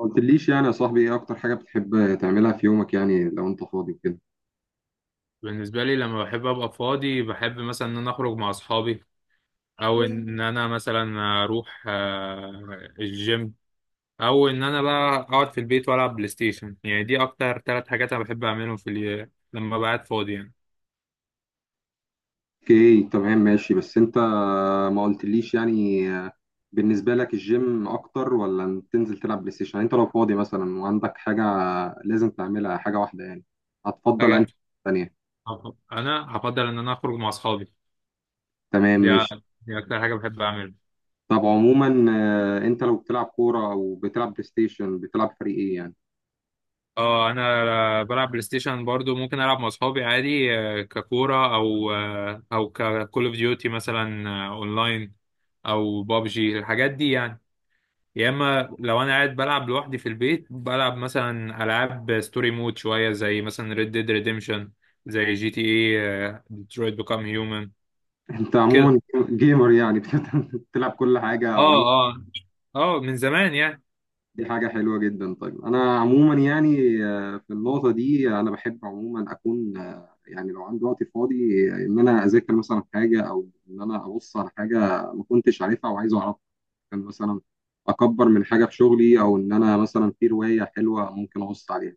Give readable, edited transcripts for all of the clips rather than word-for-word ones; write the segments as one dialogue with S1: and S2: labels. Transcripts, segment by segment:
S1: ما قلتليش يعني يا صاحبي ايه اكتر حاجة بتحب تعملها في يومك يعني لو انت فاضي وكده.
S2: بالنسبة لي لما بحب أبقى فاضي، بحب مثلا إن أنا أخرج مع أصحابي، أو إن أنا مثلا أروح الجيم، أو إن أنا بقى أقعد في البيت وألعب بلاي ستيشن. يعني دي أكتر تلات حاجات أنا بحب أعملهم لما بقعد فاضي يعني.
S1: اوكي، تمام ماشي، بس انت ما قلتليش يعني، بالنسبة لك الجيم اكتر ولا إن تنزل تلعب بلاي ستيشن؟ يعني انت لو فاضي مثلا وعندك حاجة لازم تعملها، حاجة واحدة يعني، هتفضل انهي
S2: حاجة.
S1: تانية؟
S2: أنا هفضل إن أنا أخرج مع أصحابي.
S1: تمام
S2: دي
S1: ماشي.
S2: دي أكتر حاجة بحب أعملها.
S1: طب عموما انت لو بتلعب كورة او بتلعب بلاي ستيشن، بتلعب فريق ايه يعني؟
S2: أه، أنا بلعب بلاي ستيشن برضو. ممكن ألعب مع أصحابي عادي، ككورة أو ككول أوف ديوتي مثلا، أونلاين، أو بابجي الحاجات دي يعني. يا اما لو انا قاعد بلعب لوحدي في البيت، بلعب مثلا العاب ستوري مود شويه، زي مثلا ريد ديد ريديمشن، زي جي تي اي، ديترويت بيكام هيومن
S1: انت
S2: كده.
S1: عموما جيمر يعني، بتلعب كل حاجة.
S2: اه، اه. اه من زمان يعني.
S1: دي حاجة حلوة جدا. طيب أنا عموما يعني في النقطة دي أنا بحب عموما أكون يعني لو عندي وقت فاضي إن أنا أذاكر مثلا حاجة أو إن أنا أبص على حاجة ما كنتش عارفها وعايز أعرفها. كان مثلا أكبر من حاجة في شغلي، أو إن أنا مثلا في رواية حلوة ممكن أبص عليها.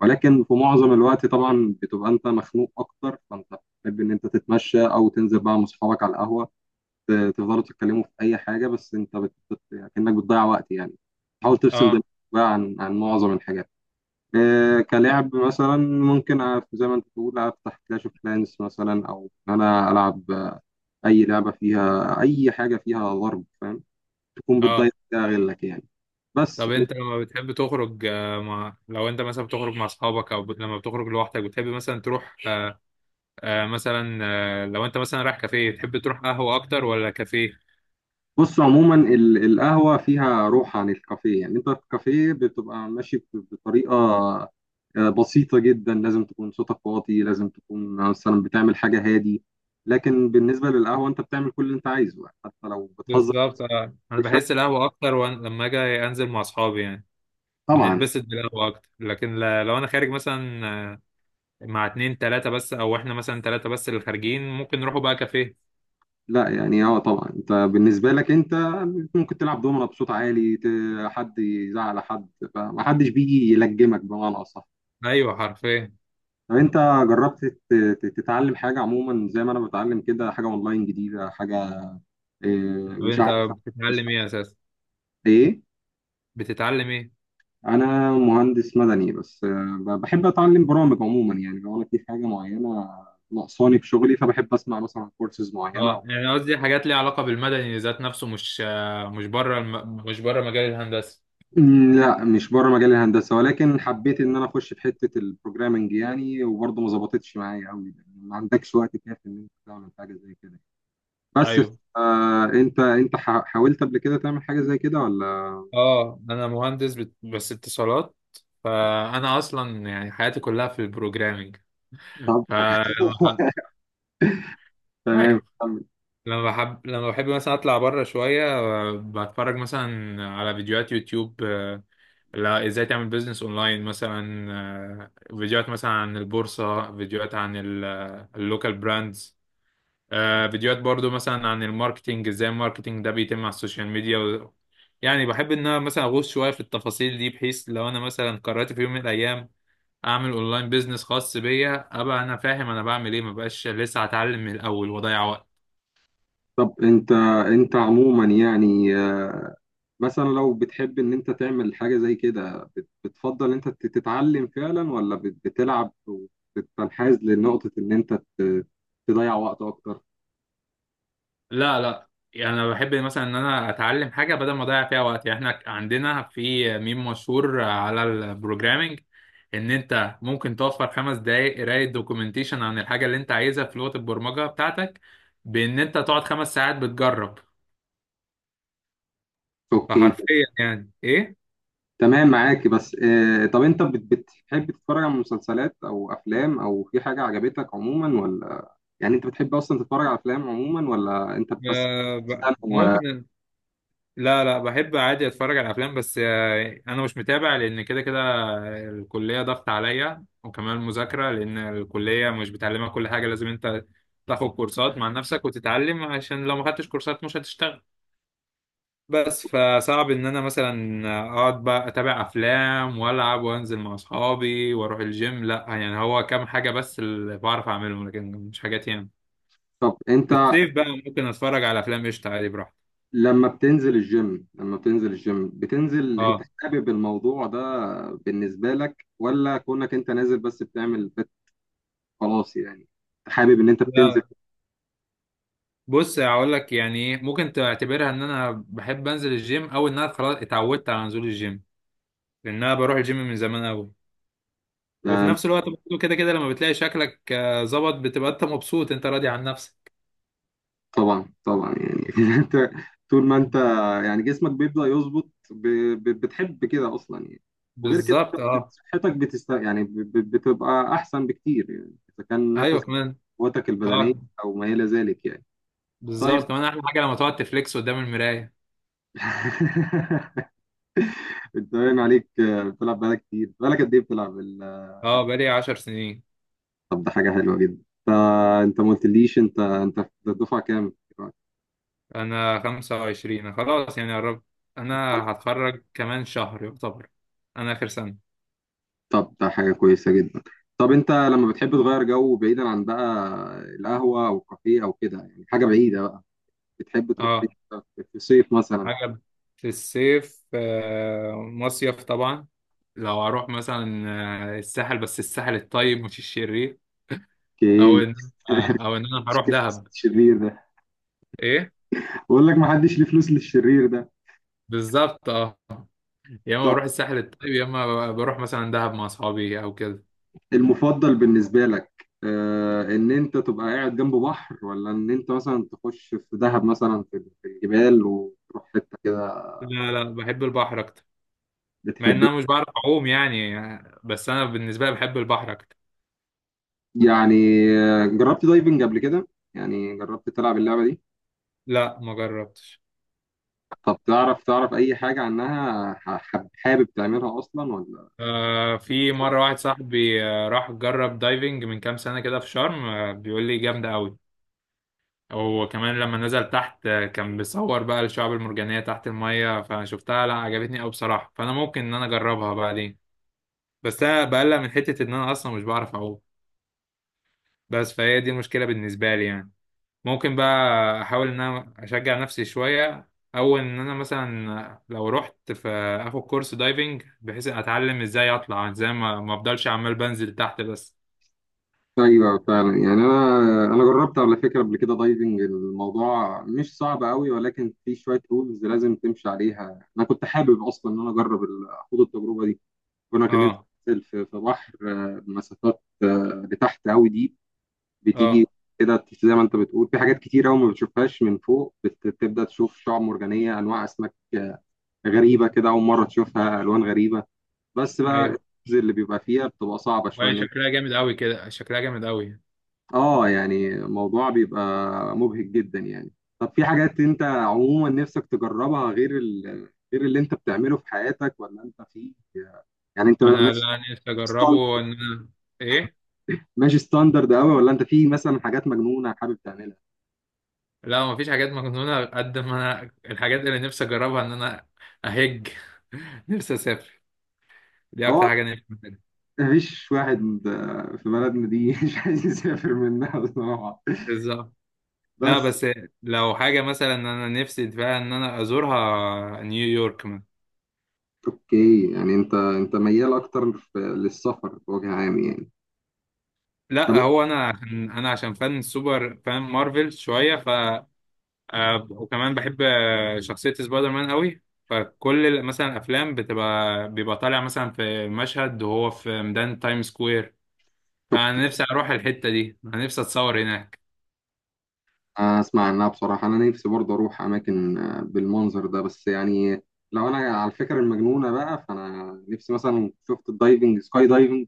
S1: ولكن في معظم الوقت طبعا بتبقى أنت مخنوق أكتر، فأنت بتحب إن أنت تتمشى أو تنزل بقى مع أصحابك على القهوة، تفضلوا تتكلموا في اي حاجه، بس انت كانك بتضيع وقت يعني. حاول تفصل
S2: اه،
S1: دماغك بقى عن معظم الحاجات، إيه كلعب مثلا، ممكن زي ما انت بتقول افتح كلاش اوف كلانس مثلا، او إن انا العب اي لعبه فيها اي حاجه فيها ضرب، فاهم، تكون بتضيع
S2: اه.
S1: غيرك يعني بس.
S2: طب انت لما بتحب تخرج، مع، لو انت مثلا بتخرج مع اصحابك او لما بتخرج لوحدك، بتحب مثلا تروح، مثلا، لو انت مثلا رايح كافيه، تحب تروح قهوه اكتر ولا كافيه؟
S1: بص عموما القهوة فيها روح عن الكافيه، يعني انت في الكافيه بتبقى ماشي بطريقة بسيطة جدا، لازم تكون صوتك واطي، لازم تكون مثلا بتعمل حاجة هادي، لكن بالنسبة للقهوة انت بتعمل كل اللي انت عايزه يعني، حتى لو بتهزر
S2: بالظبط. انا
S1: بشكل.
S2: بحس القهوه اكتر، لما اجي انزل مع اصحابي يعني
S1: طبعا.
S2: بنتبسط بالقهوة أكتر. لكن لو أنا خارج مثلا، آه، مع اتنين تلاتة بس، أو إحنا مثلا تلاتة بس اللي خارجين، ممكن نروحوا بقى كافيه.
S1: لا يعني اه، طبعا انت بالنسبة لك انت ممكن تلعب دومنة بصوت عالي، حد يزعل حد، فمحدش بيجي يلجمك بمعنى أصح.
S2: أيوه حرفيا.
S1: طب انت جربت تتعلم حاجه عموما زي ما انا بتعلم كده، حاجه اونلاين جديده، حاجه اه،
S2: طب
S1: مش
S2: أنت
S1: عارف، بس
S2: بتتعلم إيه أساسا؟
S1: ايه؟
S2: بتتعلم إيه؟
S1: انا مهندس مدني بس اه، بحب اتعلم برامج عموما، يعني لو انا في حاجه معينه ناقصاني في شغلي فبحب اسمع مثلا كورسز معينه
S2: أه،
S1: او
S2: يعني قصدي حاجات ليها علاقة بالمدني ذات نفسه، مش مش مش بره مجال الهندسة.
S1: لا، مش بره مجال الهندسه، ولكن حبيت ان انا اخش في حته البروجرامنج يعني، وبرضه ما ظبطتش معايا قوي، ما عندكش وقت كافي ان انت تعمل حاجه زي كده بس.
S2: أيوه.
S1: آه، انت انت حاولت قبل كده تعمل حاجه زي كده ولا؟
S2: أه، أنا مهندس بس اتصالات. فأنا أصلا يعني حياتي كلها في البروجرامينج.
S1: طب
S2: ف
S1: تمام،
S2: أيوه.
S1: كمل.
S2: لما بحب مثلا اطلع بره شويه، بتفرج مثلا على فيديوهات يوتيوب، لا، ازاي تعمل بيزنس اونلاين مثلا، فيديوهات مثلا عن البورصه، فيديوهات عن اللوكال براندز، فيديوهات برضو مثلا عن الماركتينج، ازاي الماركتينج ده بيتم على السوشيال ميديا يعني بحب ان انا مثلا اغوص شويه في التفاصيل دي، بحيث لو انا مثلا قررت في يوم من الايام اعمل اونلاين بيزنس خاص بيا، ابقى انا فاهم انا بعمل ايه، مبقاش لسه هتعلم من الاول واضيع وقت.
S1: طب انت، انت عموما يعني مثلا لو بتحب ان انت تعمل حاجه زي كده، بتفضل انت تتعلم فعلا ولا بتلعب وتنحاز لنقطه ان انت تضيع وقت اكتر؟
S2: لا، لا، يعني انا بحب مثلا ان انا اتعلم حاجه بدل ما اضيع فيها وقت. يعني احنا عندنا في ميم مشهور على البروجرامينج، ان انت ممكن توفر 5 دقائق قرايه دوكيومنتيشن عن الحاجه اللي انت عايزها في لغه البرمجه بتاعتك، بان انت تقعد 5 ساعات بتجرب.
S1: اوكي
S2: فحرفيا يعني ايه.
S1: تمام، معاك. بس طب انت بتحب تتفرج على مسلسلات او افلام، او في حاجه عجبتك عموما ولا؟ يعني انت بتحب اصلا تتفرج على افلام عموما، ولا انت بس بتستنى
S2: ممكن. لا، لا، بحب عادي اتفرج على افلام، بس انا مش متابع لان كده كده الكليه ضغط عليا وكمان مذاكره، لان الكليه مش بتعلمك كل حاجه، لازم انت تاخد كورسات مع نفسك وتتعلم، عشان لو ما خدتش كورسات مش هتشتغل. بس فصعب ان انا مثلا اقعد بقى اتابع افلام والعب وانزل مع اصحابي واروح الجيم، لا يعني هو كام حاجه بس اللي بعرف اعملهم لكن مش حاجات يعني.
S1: طب
S2: في
S1: انت
S2: الصيف بقى ممكن اتفرج على افلام قشطه عادي براحتي.
S1: لما بتنزل الجيم، لما بتنزل الجيم بتنزل انت
S2: اه،
S1: حابب الموضوع ده بالنسبة لك، ولا كونك انت نازل بس بتعمل خلاص يعني، حابب ان انت بتنزل؟
S2: لا، بص هقول لك يعني ايه، ممكن تعتبرها ان انا بحب انزل الجيم او ان انا خلاص اتعودت على نزول الجيم. لان انا بروح الجيم من زمان قوي. وفي
S1: آه،
S2: نفس الوقت برضه كده كده لما بتلاقي شكلك ظبط بتبقى انت مبسوط انت راضي عن نفسك.
S1: طبعا طبعا، يعني انت طول ما انت يعني جسمك بيبدأ يظبط بتحب كده اصلا يعني. وغير كده
S2: بالظبط.
S1: أنت
S2: اه،
S1: صحتك بتست يعني، بتبقى احسن بكتير يعني، اذا كان
S2: ايوه
S1: نفس
S2: كمان.
S1: قوتك البدنية
S2: اه،
S1: او ما الى ذلك يعني. طيب
S2: بالظبط كمان. احلى حاجه لما تقعد تفليكس قدام المرايه.
S1: انت باين عليك بتلعب بقالك كتير، بقالك قد ايه بتلعب
S2: اه،
S1: الجيم؟
S2: بقالي 10 سنين.
S1: طب ده حاجة حلوة جدا. انت انت ما قلتليش، انت انت في الدفعة كام دلوقتي؟
S2: انا 25 خلاص يعني قربت. انا هتخرج كمان شهر يعتبر. انا اخر سنه.
S1: طب ده حاجة كويسة جدا. طب انت لما بتحب تغير جو بعيدا عن بقى القهوة او الكافيه او كده، يعني حاجة بعيدة بقى، بتحب تروح فين
S2: اه،
S1: في الصيف مثلا؟
S2: حاجة. في الصيف مصيف طبعا. لو هروح مثلا، الساحل، بس الساحل الطيب مش الشرير، او
S1: اوكي.
S2: ان آه، او ان انا هروح دهب.
S1: الشرير ده؟
S2: ايه
S1: بقول لك ما حدش ليه فلوس للشرير ده.
S2: بالظبط. اه، يا اما
S1: طب
S2: بروح الساحل الطيب، يا اما بروح مثلا دهب مع اصحابي او كده.
S1: المفضل بالنسبة لك آه، ان انت تبقى قاعد جنب بحر، ولا ان انت مثلا تخش في دهب مثلا في الجبال وتروح حتة كده؟
S2: لا، لا، بحب البحر اكتر. مع
S1: بتحب.
S2: ان انا مش بعرف اعوم يعني، بس انا بالنسبه لي بحب البحر اكتر.
S1: يعني جربت دايفنج قبل كده؟ يعني جربت تلعب اللعبة دي؟
S2: لا، ما جربتش.
S1: طب تعرف أي حاجة عنها؟ حابب تعملها أصلا ولا؟
S2: في مره واحد صاحبي، راح جرب دايفنج من كام سنه كده في شرم، بيقول لي جامده قوي، وكمان لما نزل تحت كان بيصور بقى الشعب المرجانية تحت المية، فشفتها لا عجبتني أوي بصراحة، فأنا ممكن إن أنا أجربها بعدين. بس أنا بقلق من حتة إن أنا أصلا مش بعرف أعوم. بس فهي دي المشكلة بالنسبة لي يعني. ممكن بقى أحاول إن أنا أشجع نفسي شوية، أو إن أنا مثلا لو رحت في، آخد كورس دايفنج بحيث أتعلم إزاي أطلع إزاي ما أفضلش عمال بنزل تحت بس.
S1: أيوه فعلا، يعني أنا أنا جربت على فكرة قبل كده دايفنج، الموضوع مش صعب أوي، ولكن في شوية رولز لازم تمشي عليها. أنا كنت حابب أصلا إن أنا أجرب أخوض التجربة دي. كنا كان أنت
S2: أه،
S1: بتنزل في بحر بمسافات لتحت أوي دي، بتيجي
S2: أه.
S1: كده زي ما أنت بتقول، في حاجات كتير أوي ما بتشوفهاش من فوق، بتبدأ تشوف شعاب مرجانية، أنواع أسماك غريبة كده أول مرة تشوفها، ألوان غريبة. بس بقى الرينج
S2: أيوه.
S1: اللي بيبقى فيها بتبقى صعبة شوية
S2: وهي
S1: ان انت.
S2: شكلها جامد أوي كده، شكلها جامد أوي.
S1: اه يعني الموضوع بيبقى مبهج جدا يعني. طب في حاجات انت عموما نفسك تجربها غير غير اللي انت بتعمله في حياتك، ولا انت في، يعني انت
S2: انا
S1: ماشي
S2: لا، أنا نفسي
S1: ستاند-
S2: اجربه ان انا. ايه،
S1: ماشي ستاندرد قوي، ولا انت في مثلا حاجات مجنونة حابب تعملها؟
S2: لا، ما فيش حاجات مجنونه. قد ما انا الحاجات اللي نفسي اجربها ان انا اهج نفسي اسافر. دي اكتر
S1: هو
S2: حاجه نفسي أعملها.
S1: مفيش واحد في بلدنا دي مش عايز يسافر منها بصراحة،
S2: بالظبط. لا
S1: بس.
S2: بس لو حاجه مثلا انا نفسي فيها ان انا ازورها، نيويورك مثلا.
S1: اوكي، يعني انت انت ميال اكتر للسفر بوجه عام يعني.
S2: لا هو انا عشان فان سوبر فان مارفل شويه، وكمان بحب شخصيه سبايدر مان قوي. فكل مثلا الافلام بيبقى طالع مثلا في مشهد وهو في ميدان تايم سكوير،
S1: طب
S2: فانا نفسي اروح الحتة دي، انا نفسي اتصور هناك.
S1: اسمع عنها بصراحة، انا نفسي برضه اروح اماكن بالمنظر ده، بس يعني لو انا على الفكرة المجنونة بقى، فانا نفسي مثلا شفت الدايفنج، سكاي دايفنج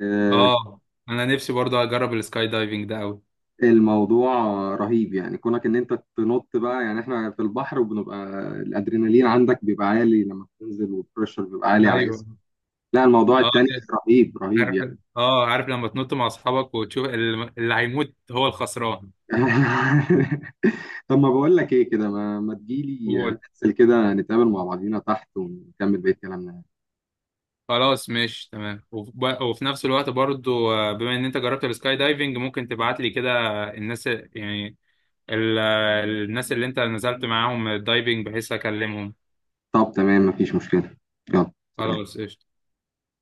S1: آه،
S2: اه، انا نفسي برضه اجرب السكاي دايفنج ده قوي.
S1: الموضوع رهيب يعني، كونك ان انت تنط بقى. يعني احنا في البحر وبنبقى الادرينالين عندك بيبقى عالي لما بتنزل، والبريشر بيبقى عالي على
S2: ايوه.
S1: جسمك. لا، الموضوع
S2: اه
S1: التاني
S2: ن-
S1: رهيب رهيب
S2: عارف.
S1: يعني.
S2: اه، عارف لما تنط مع اصحابك وتشوف اللي هيموت هو الخسران.
S1: طب ما بقول لك ايه، كده ما تجيلي
S2: قول.
S1: ننزل كده نتقابل مع بعضينا تحت ونكمل بقية كلامنا.
S2: خلاص ماشي تمام. وفي نفس الوقت برضو بما ان انت جربت السكاي دايفنج، ممكن تبعت لي كده الناس يعني ال- الناس اللي انت نزلت معاهم الدايفنج، بحيث اكلمهم.
S1: طب تمام، مفيش مشكلة. يلا. سلام.
S2: خلاص قشطة.